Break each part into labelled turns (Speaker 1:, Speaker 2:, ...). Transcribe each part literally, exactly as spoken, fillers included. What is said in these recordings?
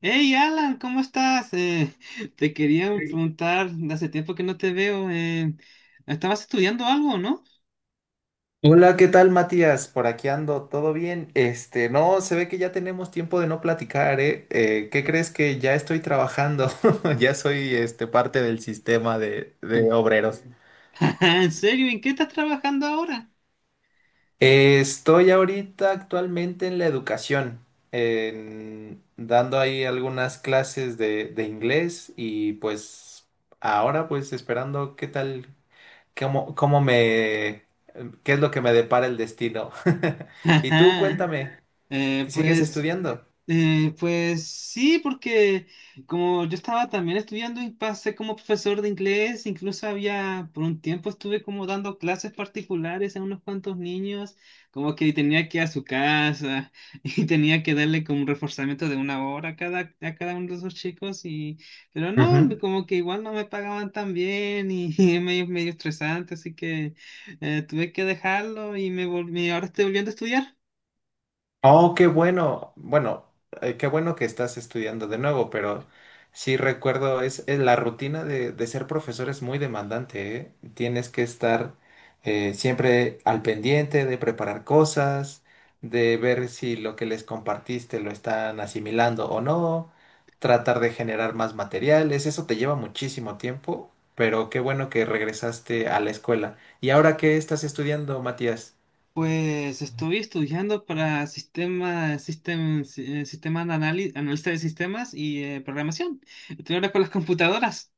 Speaker 1: Hey Alan, ¿cómo estás? Eh, te quería preguntar, hace tiempo que no te veo. Eh, ¿estabas estudiando algo, no?
Speaker 2: Hola, ¿qué tal, Matías? Por aquí ando, ¿todo bien? Este, no, se ve que ya tenemos tiempo de no platicar, ¿eh? Eh, ¿qué crees que ya estoy trabajando? Ya soy, este, parte del sistema de, de obreros.
Speaker 1: ¿En serio? ¿En qué estás trabajando ahora?
Speaker 2: Eh, estoy ahorita actualmente en la educación, en- dando ahí algunas clases de, de inglés y pues ahora pues esperando qué tal, cómo, cómo me, qué es lo que me depara el destino. Y tú,
Speaker 1: Ajá.
Speaker 2: cuéntame.
Speaker 1: Eh,
Speaker 2: ¿Que sigues
Speaker 1: pues.
Speaker 2: estudiando?
Speaker 1: Eh, pues sí, porque como yo estaba también estudiando y pasé como profesor de inglés, incluso había, por un tiempo estuve como dando clases particulares a unos cuantos niños, como que tenía que ir a su casa y tenía que darle como un reforzamiento de una hora a cada, a cada uno de esos chicos, y, pero no,
Speaker 2: Ujú.
Speaker 1: como que igual no me pagaban tan bien y, es medio, medio estresante, así que eh, tuve que dejarlo y me volví, ahora estoy volviendo a estudiar.
Speaker 2: Oh, qué bueno. Bueno, eh, qué bueno que estás estudiando de nuevo, pero sí recuerdo, es, es la rutina de, de ser profesor es muy demandante, ¿eh? Tienes que estar eh, siempre al pendiente de preparar cosas, de ver si lo que les compartiste lo están asimilando o no, tratar de generar más materiales. Eso te lleva muchísimo tiempo, pero qué bueno que regresaste a la escuela. ¿Y ahora qué estás estudiando, Matías?
Speaker 1: Pues estuve estudiando para sistema, sistem- si- eh, sistema de anali- analista de sistemas y eh, programación. Estoy ahora con las computadoras.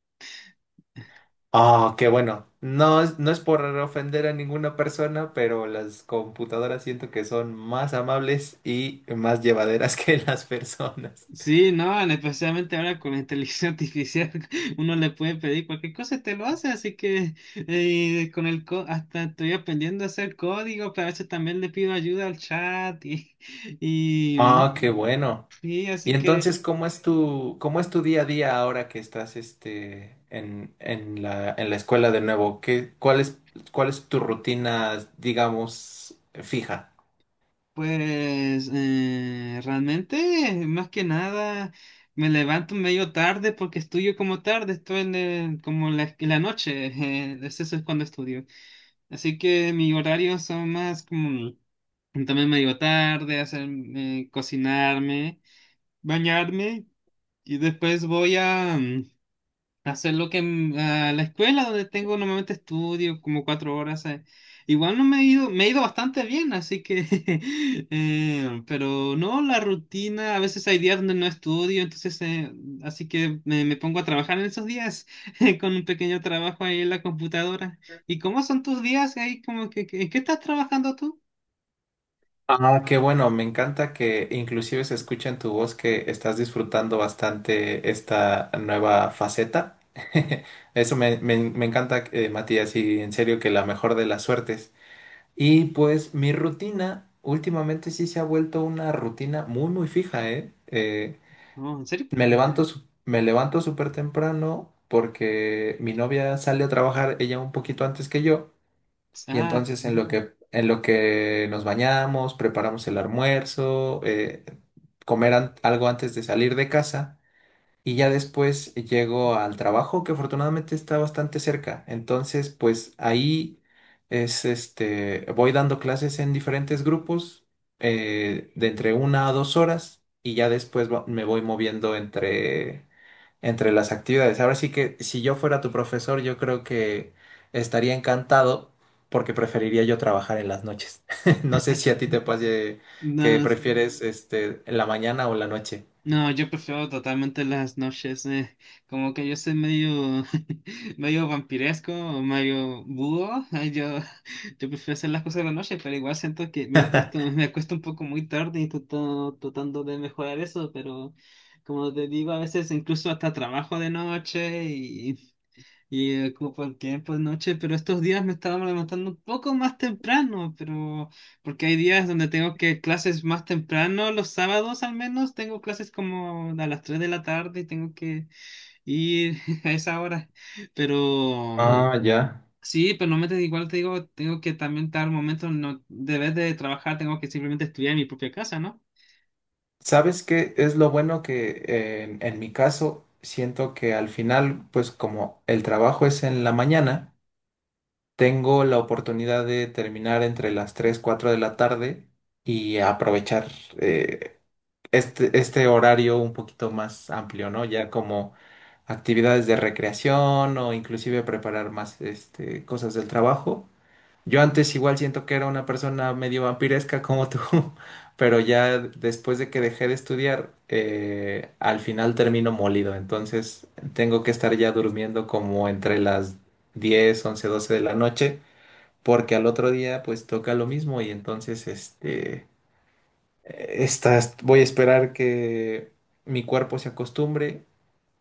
Speaker 2: Ah, qué bueno. No, es- no es por ofender a ninguna persona, pero las computadoras siento que son más amables y más llevaderas que las personas.
Speaker 1: Sí, no, especialmente ahora con la inteligencia artificial, uno le puede pedir cualquier cosa y te lo hace, así que eh, con el co- hasta estoy aprendiendo a hacer código, pero a veces también le pido ayuda al chat y, y,
Speaker 2: Ah, qué bueno.
Speaker 1: y
Speaker 2: Y
Speaker 1: así que.
Speaker 2: entonces, ¿cómo es tu, cómo es tu día a día ahora que estás este, en, en la, en la escuela de nuevo? ¿Qué, cuál es, ¿cuál es tu rutina, digamos, fija?
Speaker 1: Pues eh, realmente, más que nada, me levanto medio tarde porque estudio como tarde, estoy en el- como la, en la noche, eh, eso es cuando estudio. Así que mi horario son más como también medio tarde, hacer, eh, cocinarme, bañarme y después voy a. Hacer lo que mm, ah, La escuela donde tengo normalmente estudio como cuatro horas. eh, Igual no me he ido, me he ido bastante bien, así que, eh, pero no, la rutina, a veces hay días donde no estudio, entonces, eh, así que me, me pongo a trabajar en esos días con un pequeño trabajo ahí en la computadora. ¿Y cómo son tus días ahí? Como que, que- ¿en qué estás trabajando tú?
Speaker 2: Ah, qué bueno, me encanta que inclusive se escucha en tu voz que estás disfrutando bastante esta nueva faceta. Eso me, me- me encanta, eh, Matías, y en serio que la mejor de las suertes. Y pues mi rutina últimamente sí se ha vuelto una rutina muy, muy fija, ¿eh? Eh,
Speaker 1: No, ¿en serio?
Speaker 2: me levanto, su- me levanto súper temprano porque mi novia sale a trabajar, ella un poquito antes que yo. Y
Speaker 1: Ah,
Speaker 2: entonces en lo que, en lo que nos bañamos, preparamos el almuerzo, eh, comer an- algo antes de salir de casa y ya después llego al trabajo que afortunadamente está bastante cerca. Entonces, pues ahí es este, voy dando clases en diferentes grupos eh, de entre una a dos horas y ya después va- me voy moviendo entre entre las actividades. Ahora sí que si yo fuera tu profesor, yo creo que estaría encantado porque preferiría yo trabajar en las noches. No sé si a ti te pase que
Speaker 1: no,
Speaker 2: prefieres este, la mañana o la noche.
Speaker 1: no, yo prefiero totalmente las noches, eh, como que yo soy medio, medio vampiresco, o medio búho, eh, yo, yo prefiero hacer las cosas de la noche, pero igual siento que me acuesto, me acuesto un poco muy tarde y trato- tratando de mejorar eso, pero como te digo, a veces incluso hasta trabajo de noche y ocupo el tiempo de noche, pero estos días me estaba levantando un poco más temprano, pero porque hay días donde tengo que clases más temprano, los sábados al menos tengo clases como a las tres de la tarde y tengo que ir a esa hora. Pero mm,
Speaker 2: Ah, ya.
Speaker 1: sí, pero no me te- igual te digo, tengo que también dar momentos, no, de vez de trabajar, tengo que simplemente estudiar en mi propia casa, ¿no?
Speaker 2: ¿Sabes qué es lo bueno que eh, en, en mi caso siento que al final, pues como el trabajo es en la mañana, tengo la oportunidad de terminar entre las tres cuatro de la tarde y aprovechar eh, este, este horario un poquito más amplio, ¿no? Ya como actividades de recreación o inclusive preparar más este, cosas del trabajo. Yo antes igual siento que era una persona medio vampiresca como tú, pero ya después de que dejé de estudiar, eh, al final termino molido, entonces tengo que estar ya durmiendo como entre las diez once doce de la noche, porque al otro día pues toca lo mismo y entonces este estas, voy a esperar que mi cuerpo se acostumbre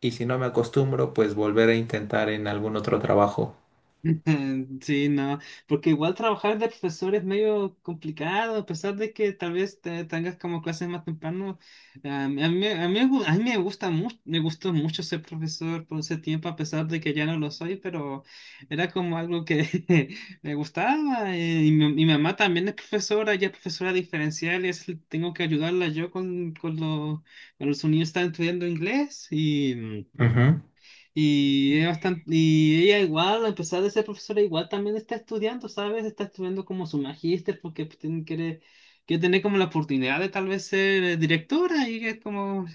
Speaker 2: y si no me acostumbro, pues volver a intentar en algún otro trabajo.
Speaker 1: Sí, no, porque igual trabajar de profesor es medio complicado, a pesar de que tal vez te- tengas como clases más temprano. A mí, a mí, a mí me gu- a mí me gusta mucho, me gustó mucho ser profesor por ese tiempo, a pesar de que ya no lo soy, pero era como algo que me gustaba. eh, Y mi, mi mamá también es profesora, ella es profesora diferencial y es- tengo que ayudarla yo con, con, los con los niños que están estudiando inglés
Speaker 2: Ujú.
Speaker 1: y, es bastante, y ella igual, a pesar de ser profesora, igual también está estudiando, ¿sabes? Está estudiando como su magíster porque pues, tiene- quiere, quiere tener como la oportunidad de tal vez ser eh, directora y es como,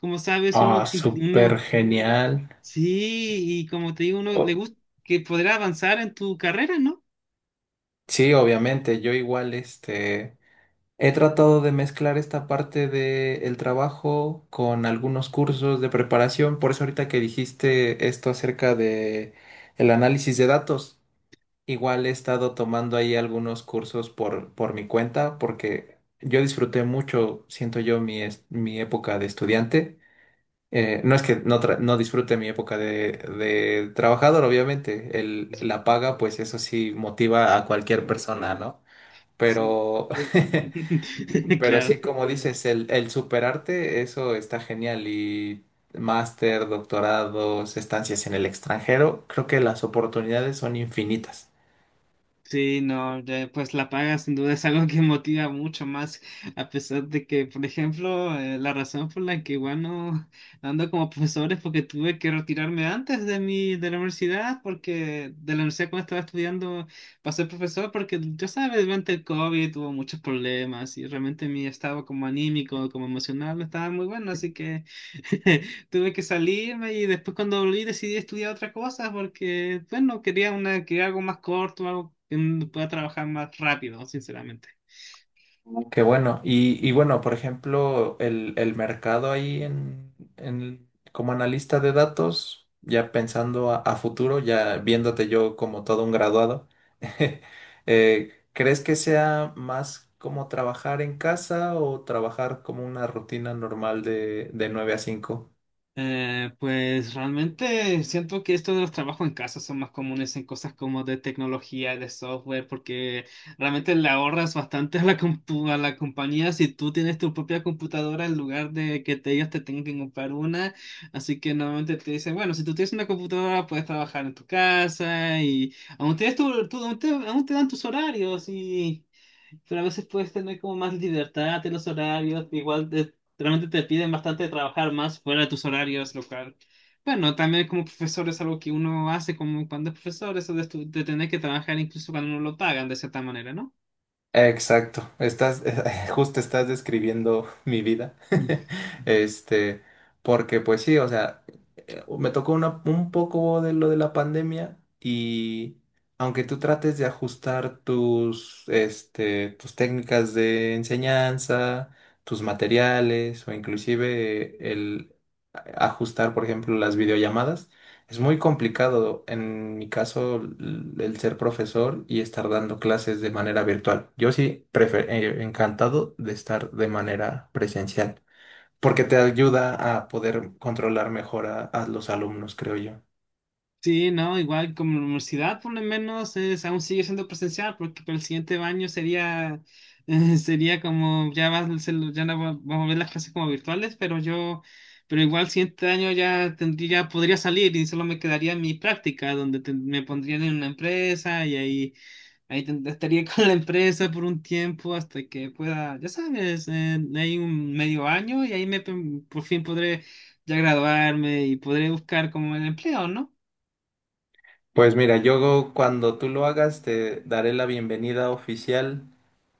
Speaker 1: como sabes, uno,
Speaker 2: Ah, súper
Speaker 1: uno,
Speaker 2: genial.
Speaker 1: sí, y como te digo, uno le
Speaker 2: O-
Speaker 1: gusta que podrá avanzar en tu carrera, ¿no?
Speaker 2: sí, obviamente, yo igual este he tratado de mezclar esta parte del trabajo con algunos cursos de preparación, por eso ahorita que dijiste esto acerca de el análisis de datos. Igual he estado tomando ahí algunos cursos por, por mi cuenta porque yo disfruté mucho, siento yo, mi, es- mi época de estudiante. Eh, no es que no, tra- no disfrute mi época de, de trabajador, obviamente. El, la paga, pues eso sí motiva a cualquier persona, ¿no?
Speaker 1: Sí.
Speaker 2: Pero, pero sí,
Speaker 1: Claro.
Speaker 2: como dices, el, el superarte, eso está genial. Y máster, doctorados, estancias en el extranjero, creo que las oportunidades son infinitas.
Speaker 1: Sí, no, de- pues la paga sin duda es algo que motiva mucho más, a pesar de que, por ejemplo, eh, la razón por la que igual no no ando como profesor es porque tuve que retirarme antes de mi, de la universidad, porque de la universidad cuando estaba estudiando para ser profesor, porque ya sabes, durante el COVID tuvo muchos problemas y realmente mi estado como anímico, como emocional no estaba muy bueno, así que tuve que salirme y después cuando volví decidí estudiar otra cosa porque, bueno, quería una, quería algo más corto, algo que pueda trabajar más rápido, sinceramente.
Speaker 2: Qué bueno. Y, y bueno, por ejemplo, el, el mercado ahí en, en- como analista de datos, ya pensando a, a futuro, ya viéndote yo como todo un graduado, eh, ¿crees que sea más como trabajar en casa o trabajar como una rutina normal de, de nueve a cinco?
Speaker 1: Eh, pues realmente siento que esto de los trabajos en casa son más comunes en cosas como de tecnología, de software, porque realmente le ahorras bastante a la, compu- a la compañía si tú tienes tu propia computadora en lugar de que te, ellos te tengan que comprar una. Así que normalmente te dicen, bueno, si tú tienes una computadora puedes trabajar en tu casa y aún, tienes tu, tu- aún te, aún te dan tus horarios y... Pero a veces puedes tener como más libertad en los horarios, igual te- realmente te piden bastante trabajar más fuera de tus horarios, lo cual, bueno, también como profesor es algo que uno hace como cuando es profesor, eso de, estu- de tener que trabajar incluso cuando no lo pagan de cierta manera, ¿no?
Speaker 2: Exacto, estás, justo estás describiendo mi vida. Este, porque pues sí, o sea, me tocó una- un poco de lo de la pandemia y aunque tú trates de ajustar tus, este, tus técnicas de enseñanza, tus materiales o inclusive el ajustar, por ejemplo, las videollamadas, es muy complicado en mi caso l- el ser profesor y estar dando clases de manera virtual. Yo sí, prefer eh, encantado de estar de manera presencial porque te ayuda a poder controlar mejor a, a los alumnos, creo yo.
Speaker 1: Sí, no, igual como la universidad por lo menos es, aún sigue siendo presencial porque para el siguiente año sería, eh, sería como ya, va a ser- ya no va- vamos a ver las clases como virtuales, pero yo, pero igual el siguiente año ya tendría, podría salir y solo me quedaría mi práctica donde te- me pondrían en una empresa y ahí, ahí ten- estaría con la empresa por un tiempo hasta que pueda, ya sabes, eh, hay un medio año y ahí me, por fin podré ya graduarme y podré buscar como el empleo, ¿no?
Speaker 2: Pues mira, yo cuando tú lo hagas te daré la bienvenida oficial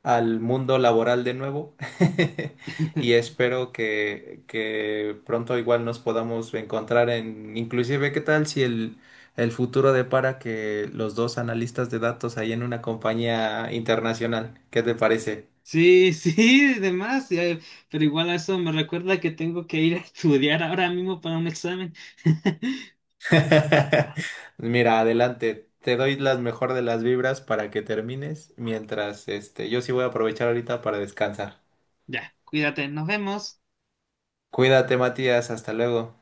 Speaker 2: al mundo laboral de nuevo. Y espero que, que pronto igual nos podamos encontrar en, inclusive, ¿qué tal si el, el futuro depara que los dos analistas de datos ahí en una compañía internacional? ¿Qué te parece?
Speaker 1: Sí, sí, demás, eh, pero igual a eso me recuerda que tengo que ir a estudiar ahora mismo para un examen.
Speaker 2: Mira, adelante. Te doy las mejor de las vibras para que termines, mientras este, yo sí voy a aprovechar ahorita para descansar.
Speaker 1: Ya, cuídate, nos vemos.
Speaker 2: Cuídate, Matías, hasta luego.